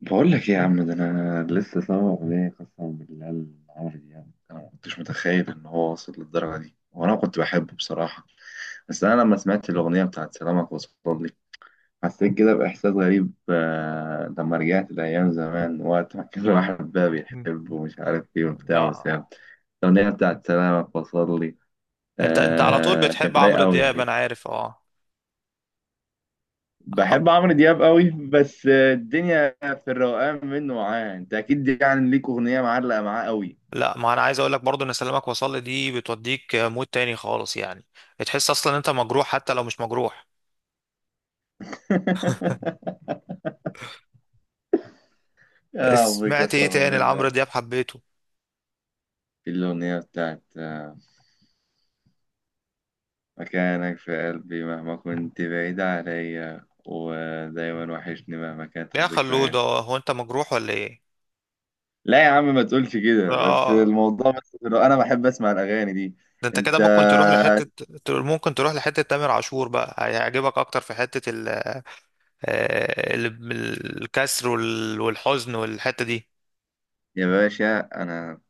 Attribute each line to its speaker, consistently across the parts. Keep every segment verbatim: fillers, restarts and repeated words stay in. Speaker 1: بقول لك ايه يا عم، ده انا لسه سامع اغنيه قسما بالله لعمرو دياب. انا ما كنتش متخيل ان هو واصل للدرجه دي، وانا كنت بحبه بصراحه. بس انا لما سمعت الاغنيه بتاعت سلامك وصل لي حسيت كده باحساس غريب. آه، لما رجعت لايام زمان، وقت ما كان الواحد بقى
Speaker 2: مم.
Speaker 1: بيحب ومش عارف ايه وبتاع
Speaker 2: اه.
Speaker 1: وسام. الاغنيه بتاعت سلامك وصل لي
Speaker 2: انت انت على طول
Speaker 1: آه،
Speaker 2: بتحب
Speaker 1: كانت رايقه
Speaker 2: عمرو
Speaker 1: قوي.
Speaker 2: دياب، انا عارف. اه.
Speaker 1: بحب عمرو دياب قوي، بس الدنيا في الروقان منه معاه. انت اكيد يعني ليك اغنيه معلقه معاه قوي.
Speaker 2: لا، ما انا عايز اقول لك برضو ان سلامك وصل دي بتوديك مود تاني خالص يعني. بتحس اصلا انت مجروح حتى لو مش مجروح.
Speaker 1: يا ربي
Speaker 2: سمعت ايه
Speaker 1: قسما
Speaker 2: تاني لعمرو
Speaker 1: بالله.
Speaker 2: دياب حبيته؟
Speaker 1: الاغنيه بتاعت آه، مكانك في قلبي مهما كنت بعيد عليا، ودايما وحشني مهما كانت
Speaker 2: يا خلود،
Speaker 1: الذكريات.
Speaker 2: هو هو انت مجروح ولا ايه؟
Speaker 1: لا يا عم، ما تقولش كده، بس
Speaker 2: اه.
Speaker 1: الموضوع بس في الروقان. انا بحب اسمع الاغاني دي.
Speaker 2: ده انت كده
Speaker 1: انت
Speaker 2: ممكن تروح لحتة ممكن تروح لحتة تامر عاشور بقى هيعجبك اكتر في حتة ال... آه، ال- الكسر وال- والحزن والحتة دي.
Speaker 1: يا باشا، أنا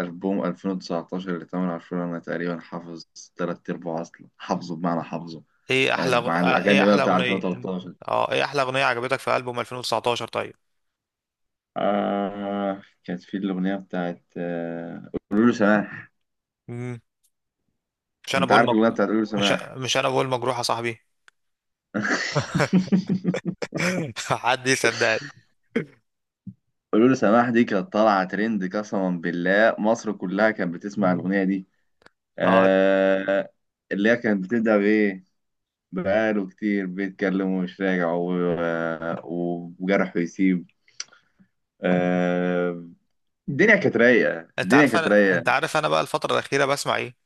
Speaker 1: ألبوم ألفين وتسعتاشر لتامر عاشور أنا تقريبا حافظ تلات أرباع، أصلا حافظه بمعنى حافظه.
Speaker 2: ايه
Speaker 1: آه،
Speaker 2: احلى
Speaker 1: مع
Speaker 2: آه، ايه
Speaker 1: الأغاني بقى
Speaker 2: احلى
Speaker 1: بتاع
Speaker 2: اغنية؟
Speaker 1: ألفين وتلتاشر.
Speaker 2: اه، ايه احلى اغنية عجبتك في ألبوم ألفين وتسعتاشر؟
Speaker 1: آه، كانت في الأغنية بتاعت آه، قولوا له سماح.
Speaker 2: طيب. مش انا
Speaker 1: أنت
Speaker 2: بقول
Speaker 1: عارف الأغنية
Speaker 2: مجروح.
Speaker 1: بتاعت قولوا له
Speaker 2: مش
Speaker 1: سماح؟
Speaker 2: مش انا بقول مجروح يا صاحبي. حد يصدقني؟
Speaker 1: قولوا له سماح دي كانت طالعة ترند، قسما بالله مصر كلها كانت بتسمع
Speaker 2: مم.
Speaker 1: الأغنية دي.
Speaker 2: اه.
Speaker 1: آه، اللي هي كانت بتبدأ بإيه؟ بقاله كتير بيتكلم ومش راجع و- آه، وجرحه يسيب. آه، الدنيا كانت رايقة،
Speaker 2: انت
Speaker 1: الدنيا
Speaker 2: عارف
Speaker 1: كانت
Speaker 2: انا
Speaker 1: رايقة.
Speaker 2: انت عارف انا بقى الفتره الاخيره بسمع ايه؟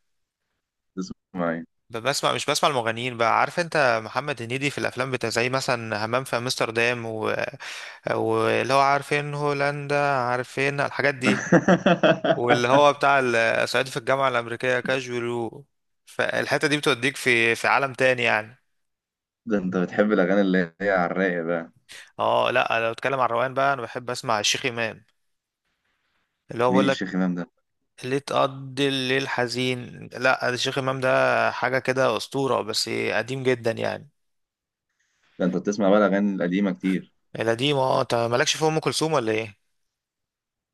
Speaker 1: تسمعي؟
Speaker 2: ب- بسمع، مش بسمع المغنيين بقى. عارف انت محمد هنيدي في الافلام بتاع، زي مثلا همام في امستردام و... واللي هو عارفين هولندا، عارفين الحاجات دي. واللي هو بتاع ال- صعيدي في الجامعه الامريكيه كاجولو. فالحته دي بتوديك في في عالم تاني يعني.
Speaker 1: ده انت بتحب الأغاني اللي هي على الرايق بقى.
Speaker 2: اه. لا، لو اتكلم عن الروقان بقى انا بحب اسمع الشيخ امام، اللي هو
Speaker 1: مين
Speaker 2: بيقول
Speaker 1: الشيخ إمام ده؟
Speaker 2: ليه تقضي الليل حزين. لا الشيخ امام ده حاجه كده اسطوره، بس قديم جدا يعني.
Speaker 1: ده انت بتسمع بقى الأغاني القديمة كتير.
Speaker 2: القديم، اه. انت مالكش في ام كلثوم ولا ايه؟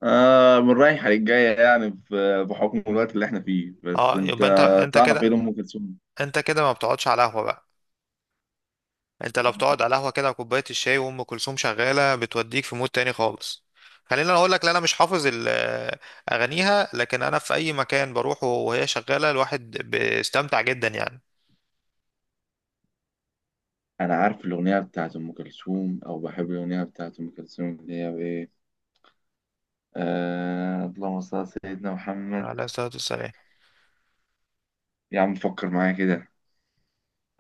Speaker 1: آه، من رايحة للجاية يعني، في- بحكم الوقت اللي احنا فيه. بس
Speaker 2: اه،
Speaker 1: انت
Speaker 2: يبقى انت انت
Speaker 1: تعرف ايه
Speaker 2: كده.
Speaker 1: لأم كلثوم؟
Speaker 2: انت كده ما بتقعدش على قهوه بقى. انت لو بتقعد على قهوه كده وكوبايه الشاي وام كلثوم شغاله بتوديك في مود تاني خالص. خلينا اقول لك، لا انا مش حافظ ال- آه، اغانيها، لكن انا في اي مكان بروحه وهي شغاله الواحد بيستمتع جدا يعني.
Speaker 1: أنا عارف الأغنية بتاعت أم كلثوم، أو بحب الأغنية بتاعت أم كلثوم اللي هي إيه. آه، اللهم صل على سيدنا محمد.
Speaker 2: على الصلاه والسلام.
Speaker 1: يا عم فكر معايا كده.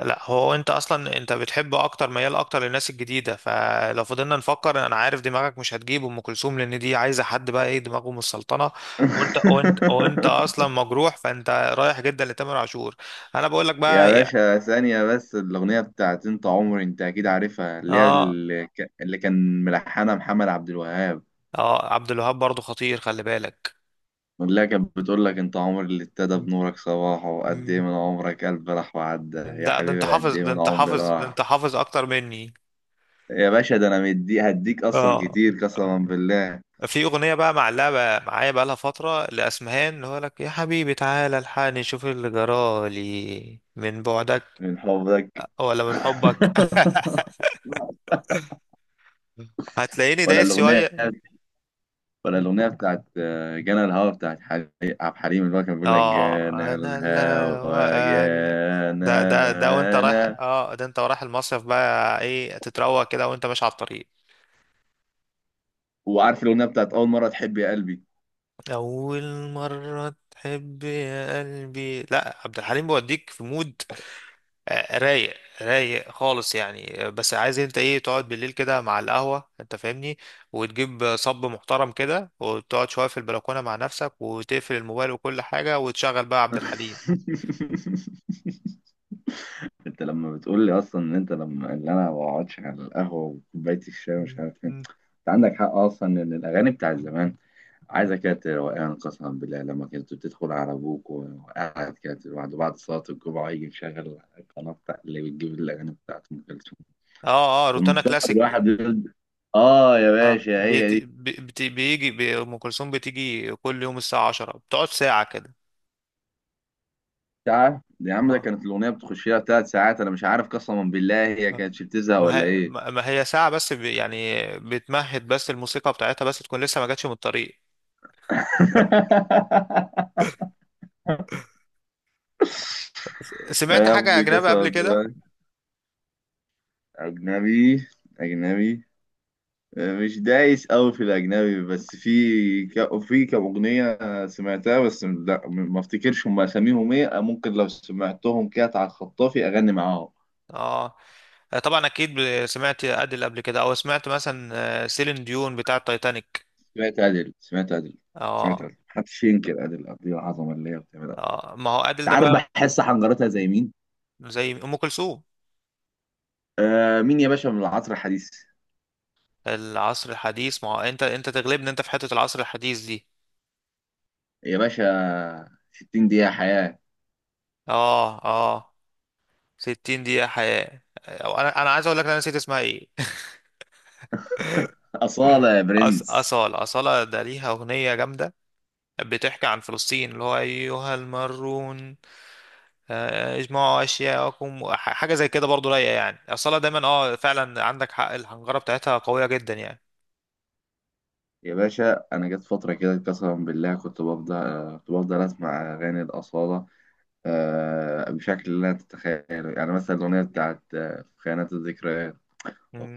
Speaker 2: لا، هو انت اصلا انت بتحب اكتر، ميال اكتر للناس الجديده، فلو فضلنا نفكر انا عارف دماغك مش هتجيب ام كلثوم، لان دي عايزه حد بقى ايه دماغه من السلطنه. وانت وانت وانت اصلا مجروح، فانت رايح جدا لتامر عاشور. انا بقول لك
Speaker 1: يا
Speaker 2: بقى يا...
Speaker 1: باشا ثانية بس. الأغنية بتاعت أنت عمري، أنت أكيد عارفها، اللي هي
Speaker 2: اه.
Speaker 1: اللي ك- اللي كان ملحنها محمد عبد الوهاب.
Speaker 2: اه، عبد الوهاب برضو خطير، خلي بالك.
Speaker 1: اللي هي كانت بتقول لك: أنت عمري اللي ابتدى بنورك صباحه، وقد إيه
Speaker 2: مم.
Speaker 1: من عمرك قلبي راح وعدى، يا
Speaker 2: ده ده انت
Speaker 1: حبيبي
Speaker 2: حافظ،
Speaker 1: قد إيه
Speaker 2: ده
Speaker 1: من
Speaker 2: انت
Speaker 1: عمري
Speaker 2: حافظ، ده انت
Speaker 1: راح.
Speaker 2: حافظ اكتر مني.
Speaker 1: يا باشا، ده أنا مدي هديك أصلا
Speaker 2: اه،
Speaker 1: كتير قسما بالله.
Speaker 2: في اغنيه بقى معلقه معايا بقى لها فتره لاسمهان، اللي هو لك يا حبيبي تعالى الحقني شوف اللي جرالي من بعدك.
Speaker 1: من حبك.
Speaker 2: ولا من حبك. هتلاقيني
Speaker 1: ولا
Speaker 2: دايس
Speaker 1: الأغنية
Speaker 2: شويه.
Speaker 1: ولا الأغنية بتاعت آه، جانا الهوا، بتاعت حلي- عبد الحليم، اللي هو كان بيقول لك:
Speaker 2: اه،
Speaker 1: جانا
Speaker 2: انا لا
Speaker 1: الهوا
Speaker 2: وأجل.
Speaker 1: جانا
Speaker 2: ده ده ده وانت رايح،
Speaker 1: أنا.
Speaker 2: اه ده انت رايح المصيف بقى، ايه تتروق كده وانت ماشي على الطريق.
Speaker 1: وعارف الأغنية بتاعت أول مرة تحب يا قلبي؟
Speaker 2: اول مره تحب يا قلبي، لا عبد الحليم بيوديك في مود آه، رايق رايق خالص يعني. آه، بس عايز انت ايه؟ تقعد بالليل كده مع القهوة، انت فاهمني؟ وتجيب صب محترم كده، وتقعد شوية في البلكونة مع نفسك، وتقفل الموبايل وكل حاجة، وتشغل بقى عبد الحليم.
Speaker 1: أنت لما بتقول لي أصلا إن أنت لما اللي أنا ما بقعدش على القهوة وكوباية الشاي ومش
Speaker 2: مم.
Speaker 1: عارف إيه،
Speaker 2: مم.
Speaker 1: أنت عندك حق أصلا. إن الأغاني بتاعت زمان عايزة كده روقان قسما بالله. لما كنت بتدخل على أبوك وقاعد كده لوحده بعد صلاة الجمعة، يجي مشغل القناة بتاع اللي بتجيب الأغاني بتاعت أم كلثوم،
Speaker 2: اه. اه، روتانا
Speaker 1: المستقبل
Speaker 2: كلاسيك.
Speaker 1: الواحد يد- اه يا
Speaker 2: اه،
Speaker 1: باشا هي
Speaker 2: بيت
Speaker 1: دي.
Speaker 2: بي بي بيجي بي ام كلثوم بتيجي كل يوم الساعة عشرة، بتقعد ساعة كده.
Speaker 1: ساعة يا عم؟ ده
Speaker 2: اه.
Speaker 1: كانت الأغنية بتخش لها ثلاث ساعات، أنا مش عارف قسما بالله هي
Speaker 2: آه.
Speaker 1: كانتش بتزهق
Speaker 2: ما
Speaker 1: ولا
Speaker 2: هي
Speaker 1: إيه.
Speaker 2: ما ما هي ساعة بس، بي- يعني بتمهد بس، الموسيقى بتاعتها بس تكون لسه ما جاتش من الطريق. س- سمعت
Speaker 1: يا
Speaker 2: حاجة
Speaker 1: ربي
Speaker 2: أجنبي
Speaker 1: قسما
Speaker 2: قبل كده؟
Speaker 1: بالله. أجنبي؟ أجنبي؟ مش دايس أوي في الأجنبي، بس في ك... في كم أغنية سمعتها. بس لا، ما افتكرش هم أساميهم إيه. ممكن لو سمعتهم كده على الخطافي أغني معاهم.
Speaker 2: اه. آه، طبعا اكيد ب- سمعت ادل قبل كده، او سمعت مثلا آه، سيلين ديون بتاع التايتانيك.
Speaker 1: سمعت عادل سمعت عادل سمعت
Speaker 2: اه.
Speaker 1: عادل محدش ينكر عادل قد ايه العظمه اللي هي بتعملها.
Speaker 2: اه، ما هو ادل
Speaker 1: انت
Speaker 2: ده
Speaker 1: عارف
Speaker 2: بقى.
Speaker 1: بحس حنجرتها زي مين؟
Speaker 2: زي ام كلثوم.
Speaker 1: آه، مين يا باشا من العصر الحديث؟
Speaker 2: العصر الحديث؟ ما هو انت انت تغلبني، انت في حتة العصر الحديث دي.
Speaker 1: يا باشا، ستين دقيقه حياه.
Speaker 2: اه. اه، ستين دقيقة حياة. آه، انا انا عايز اقول لك، انا نسيت اسمها ايه.
Speaker 1: اصاله يا
Speaker 2: أص...
Speaker 1: برنس.
Speaker 2: أصالة أصالة، ده ليها أغنية جامدة بتحكي عن فلسطين، اللي هو أيها المارون آه، اجمعوا اشياءكم. ح- حاجه زي كده برضو رايقه يعني، اصلا دايما. اه، فعلا عندك حق الحنجره بتاعتها قويه جدا يعني.
Speaker 1: يا باشا انا جت فتره كده قسما بالله كنت بفضل آه، كنت بفضل اسمع اغاني الاصاله، آه، بشكل لا تتخيله. يعني مثلا الاغنيه بتاعت آه، في خيانات الذكريات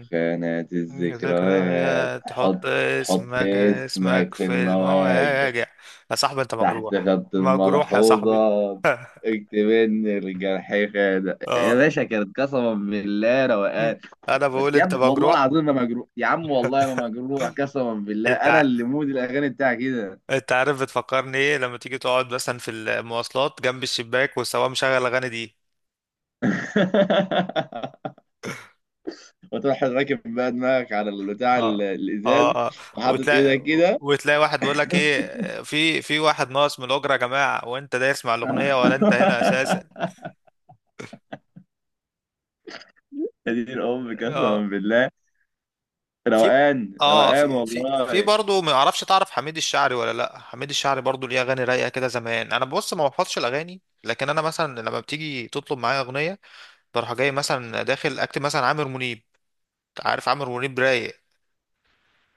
Speaker 1: في خيانات
Speaker 2: مم،
Speaker 1: الذكريات
Speaker 2: ذكريات،
Speaker 1: حط،
Speaker 2: تحط
Speaker 1: حط
Speaker 2: اسمك اسمك
Speaker 1: اسمك في
Speaker 2: في
Speaker 1: المواجع،
Speaker 2: المواجع. يا صاحبي، انت
Speaker 1: تحت
Speaker 2: مجروح
Speaker 1: خط
Speaker 2: مجروح يا
Speaker 1: الملحوظة
Speaker 2: صاحبي.
Speaker 1: اكتب ان الجرح خانق. يا
Speaker 2: اه.
Speaker 1: باشا، كانت قسما بالله روقان.
Speaker 2: انا
Speaker 1: بس
Speaker 2: بقول
Speaker 1: يا
Speaker 2: انت
Speaker 1: ابني، والله
Speaker 2: مجروح.
Speaker 1: العظيم ما مجروح يا عم، والله ما مجروح قسما بالله.
Speaker 2: انت
Speaker 1: انا
Speaker 2: ع-
Speaker 1: اللي مود الاغاني بتاعي كده.
Speaker 2: انت عارف بتفكرني ايه؟ لما تيجي تقعد مثلا في المواصلات جنب الشباك والسواق مشغل الاغاني دي.
Speaker 1: وتروح راكب بقى دماغك على البتاع
Speaker 2: اه.
Speaker 1: ال-
Speaker 2: اه.
Speaker 1: الازاز،
Speaker 2: آه.
Speaker 1: وحاطط
Speaker 2: وتلاقي
Speaker 1: ايدك كده.
Speaker 2: وتلاقي واحد بيقول لك ايه، في في واحد ناقص من الاجره يا جماعه، وانت دايس مع الاغنيه، ولا انت هنا اساسا.
Speaker 1: يا دين الام
Speaker 2: اه.
Speaker 1: قسما بالله.
Speaker 2: في
Speaker 1: روقان
Speaker 2: اه
Speaker 1: روقان
Speaker 2: في في في
Speaker 1: والله.
Speaker 2: برضه، ما اعرفش، تعرف حميد الشاعري ولا لا؟ حميد الشاعري برضه ليه اغاني رايقه كده زمان. انا بص ما بحفظش الاغاني، لكن انا مثلا لما بتيجي تطلب معايا اغنيه بروح جاي مثلا داخل اكتب مثلا عامر منيب. عارف، عامر منيب رايق.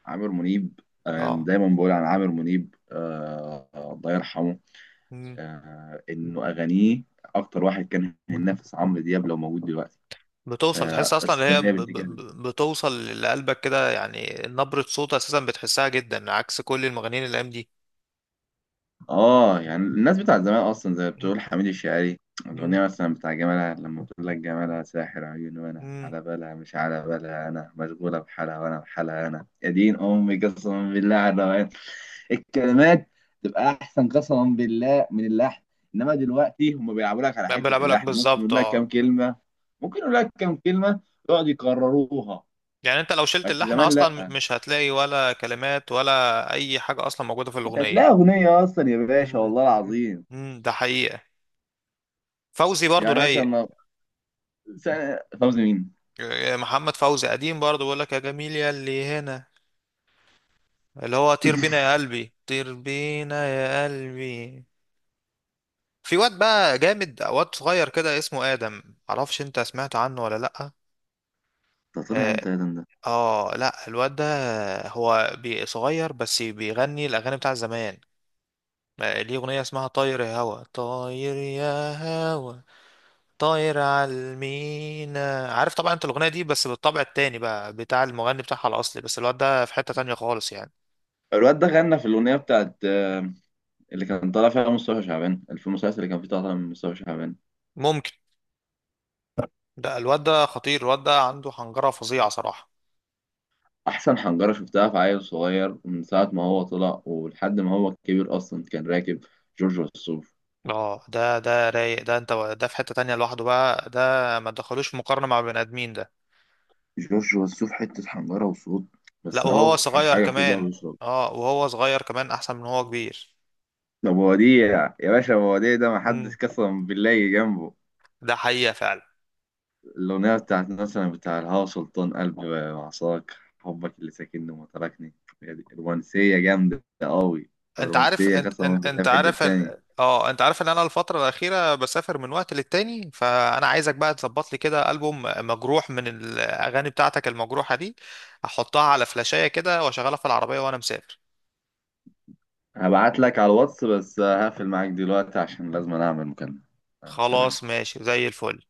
Speaker 1: عامر منيب. انا
Speaker 2: اه،
Speaker 1: دايما بقول عن عامر منيب، آه الله يرحمه، آه، انه اغانيه، اكتر واحد كان هينافس عمرو دياب لو موجود دلوقتي.
Speaker 2: بتوصل،
Speaker 1: آه،
Speaker 2: تحس اصلا اللي هي
Speaker 1: الثمانية
Speaker 2: ب...
Speaker 1: بنت
Speaker 2: ب...
Speaker 1: كلب.
Speaker 2: ب- بتوصل لقلبك كده يعني، نبرة صوت اساسا بتحسها جدا عكس كل المغنيين الايام دي.
Speaker 1: اه يعني الناس بتاع زمان اصلا، زي ما
Speaker 2: مم،
Speaker 1: بتقول، حميد الشاعري.
Speaker 2: مم،
Speaker 1: الاغنيه مثلا بتاع جمالها، لما بتقول لك: جمالها ساحر عيون، وانا
Speaker 2: مم.
Speaker 1: على بالها، مش على بالها، انا مشغوله بحالها، وانا بحالها انا. يا دين امي قسما بالله على الروقان. الكلمات تبقى احسن قسما بالله من اللحن. انما دلوقتي هم بيلعبوا لك على حته
Speaker 2: بلا بالك
Speaker 1: اللحن. ممكن
Speaker 2: بالظبط،
Speaker 1: يقول لك كام
Speaker 2: اه.
Speaker 1: كلمه ممكن يقول لك كام كلمه يقعد يكرروها.
Speaker 2: يعني انت لو شلت
Speaker 1: بس
Speaker 2: اللحن
Speaker 1: زمان
Speaker 2: اصلا م-
Speaker 1: لا،
Speaker 2: مش هتلاقي ولا كلمات ولا اي حاجة اصلا موجودة في
Speaker 1: مش
Speaker 2: الاغنية.
Speaker 1: هتلاقي اغنيه اصلا يا باشا
Speaker 2: مم،
Speaker 1: والله
Speaker 2: مم،
Speaker 1: العظيم.
Speaker 2: مم. ده حقيقة. فوزي برضو
Speaker 1: يعني مثلا
Speaker 2: رايق.
Speaker 1: ما- سنة فوزي مين؟
Speaker 2: آه، محمد فوزي قديم برضو، بيقول لك يا جميل يا اللي هنا، اللي هو طير بينا يا قلبي، طير بينا يا قلبي. في واد بقى جامد، واد صغير كده اسمه آدم، معرفش انت سمعت عنه ولا لأ.
Speaker 1: ده طلع
Speaker 2: اه.
Speaker 1: امتى يا دندن ده؟
Speaker 2: آه، لا الواد ده هو بي- صغير بس بيغني الأغاني بتاع زمان. آه، ليه أغنية اسمها طاير يا هوا، طاير يا هوا، طاير على المينا. عارف طبعا انت الأغنية دي، بس بالطبع التاني بقى بتاع المغني بتاعها الأصلي، بس الواد ده في حتة تانية خالص يعني.
Speaker 1: الواد ده غنى في الاغنيه بتاعت آه، اللي كان طالع فيها مصطفى شعبان، في المسلسل اللي كان فيه طالع من مصطفى شعبان.
Speaker 2: ممكن. ده الواد ده خطير، الواد ده عنده حنجرة فظيعة صراحة.
Speaker 1: احسن حنجره شفتها في عيل صغير، من ساعه ما هو طلع ولحد ما هو كبير اصلا، كان راكب جورج وسوف.
Speaker 2: اه، ده ده رايق، ده انت ده في حتة تانية لوحده بقى ده. ما تدخلوش في مقارنة مع بني ادمين ده.
Speaker 1: جورج وسوف حته حنجره وصوت. بس
Speaker 2: لا، وهو
Speaker 1: اهو حاش
Speaker 2: صغير
Speaker 1: حاجه فيه اللي هو
Speaker 2: كمان.
Speaker 1: بيشرب.
Speaker 2: اه، وهو صغير كمان احسن من هو كبير.
Speaker 1: ده بوديع يا باشا، بوديع ده محدش
Speaker 2: امم.
Speaker 1: قسم بالله يجي جنبه.
Speaker 2: ده حقيقة فعلا.
Speaker 1: الأغنية بتاعت مثلا بتاع الهوا سلطان، قلبي وعصاك، حبك اللي ساكنني وما تركني. هي دي رومانسية جامدة قوي. طب
Speaker 2: انت عارف،
Speaker 1: رومانسية
Speaker 2: انت
Speaker 1: قسما
Speaker 2: انت,
Speaker 1: بالله
Speaker 2: انت
Speaker 1: في حتة
Speaker 2: عارف
Speaker 1: تاني؟
Speaker 2: ال- اه انت عارف ان انا الفترة الأخيرة بسافر من وقت للتاني، فانا عايزك بقى تظبط لي كده ألبوم مجروح من الاغاني بتاعتك المجروحة دي، احطها على فلاشاية كده واشغلها في العربية وانا مسافر.
Speaker 1: هبعت لك على الواتس، بس هقفل معاك دلوقتي عشان لازم أنا أعمل مكالمة. آه، سلام.
Speaker 2: خلاص، ماشي زي الفل.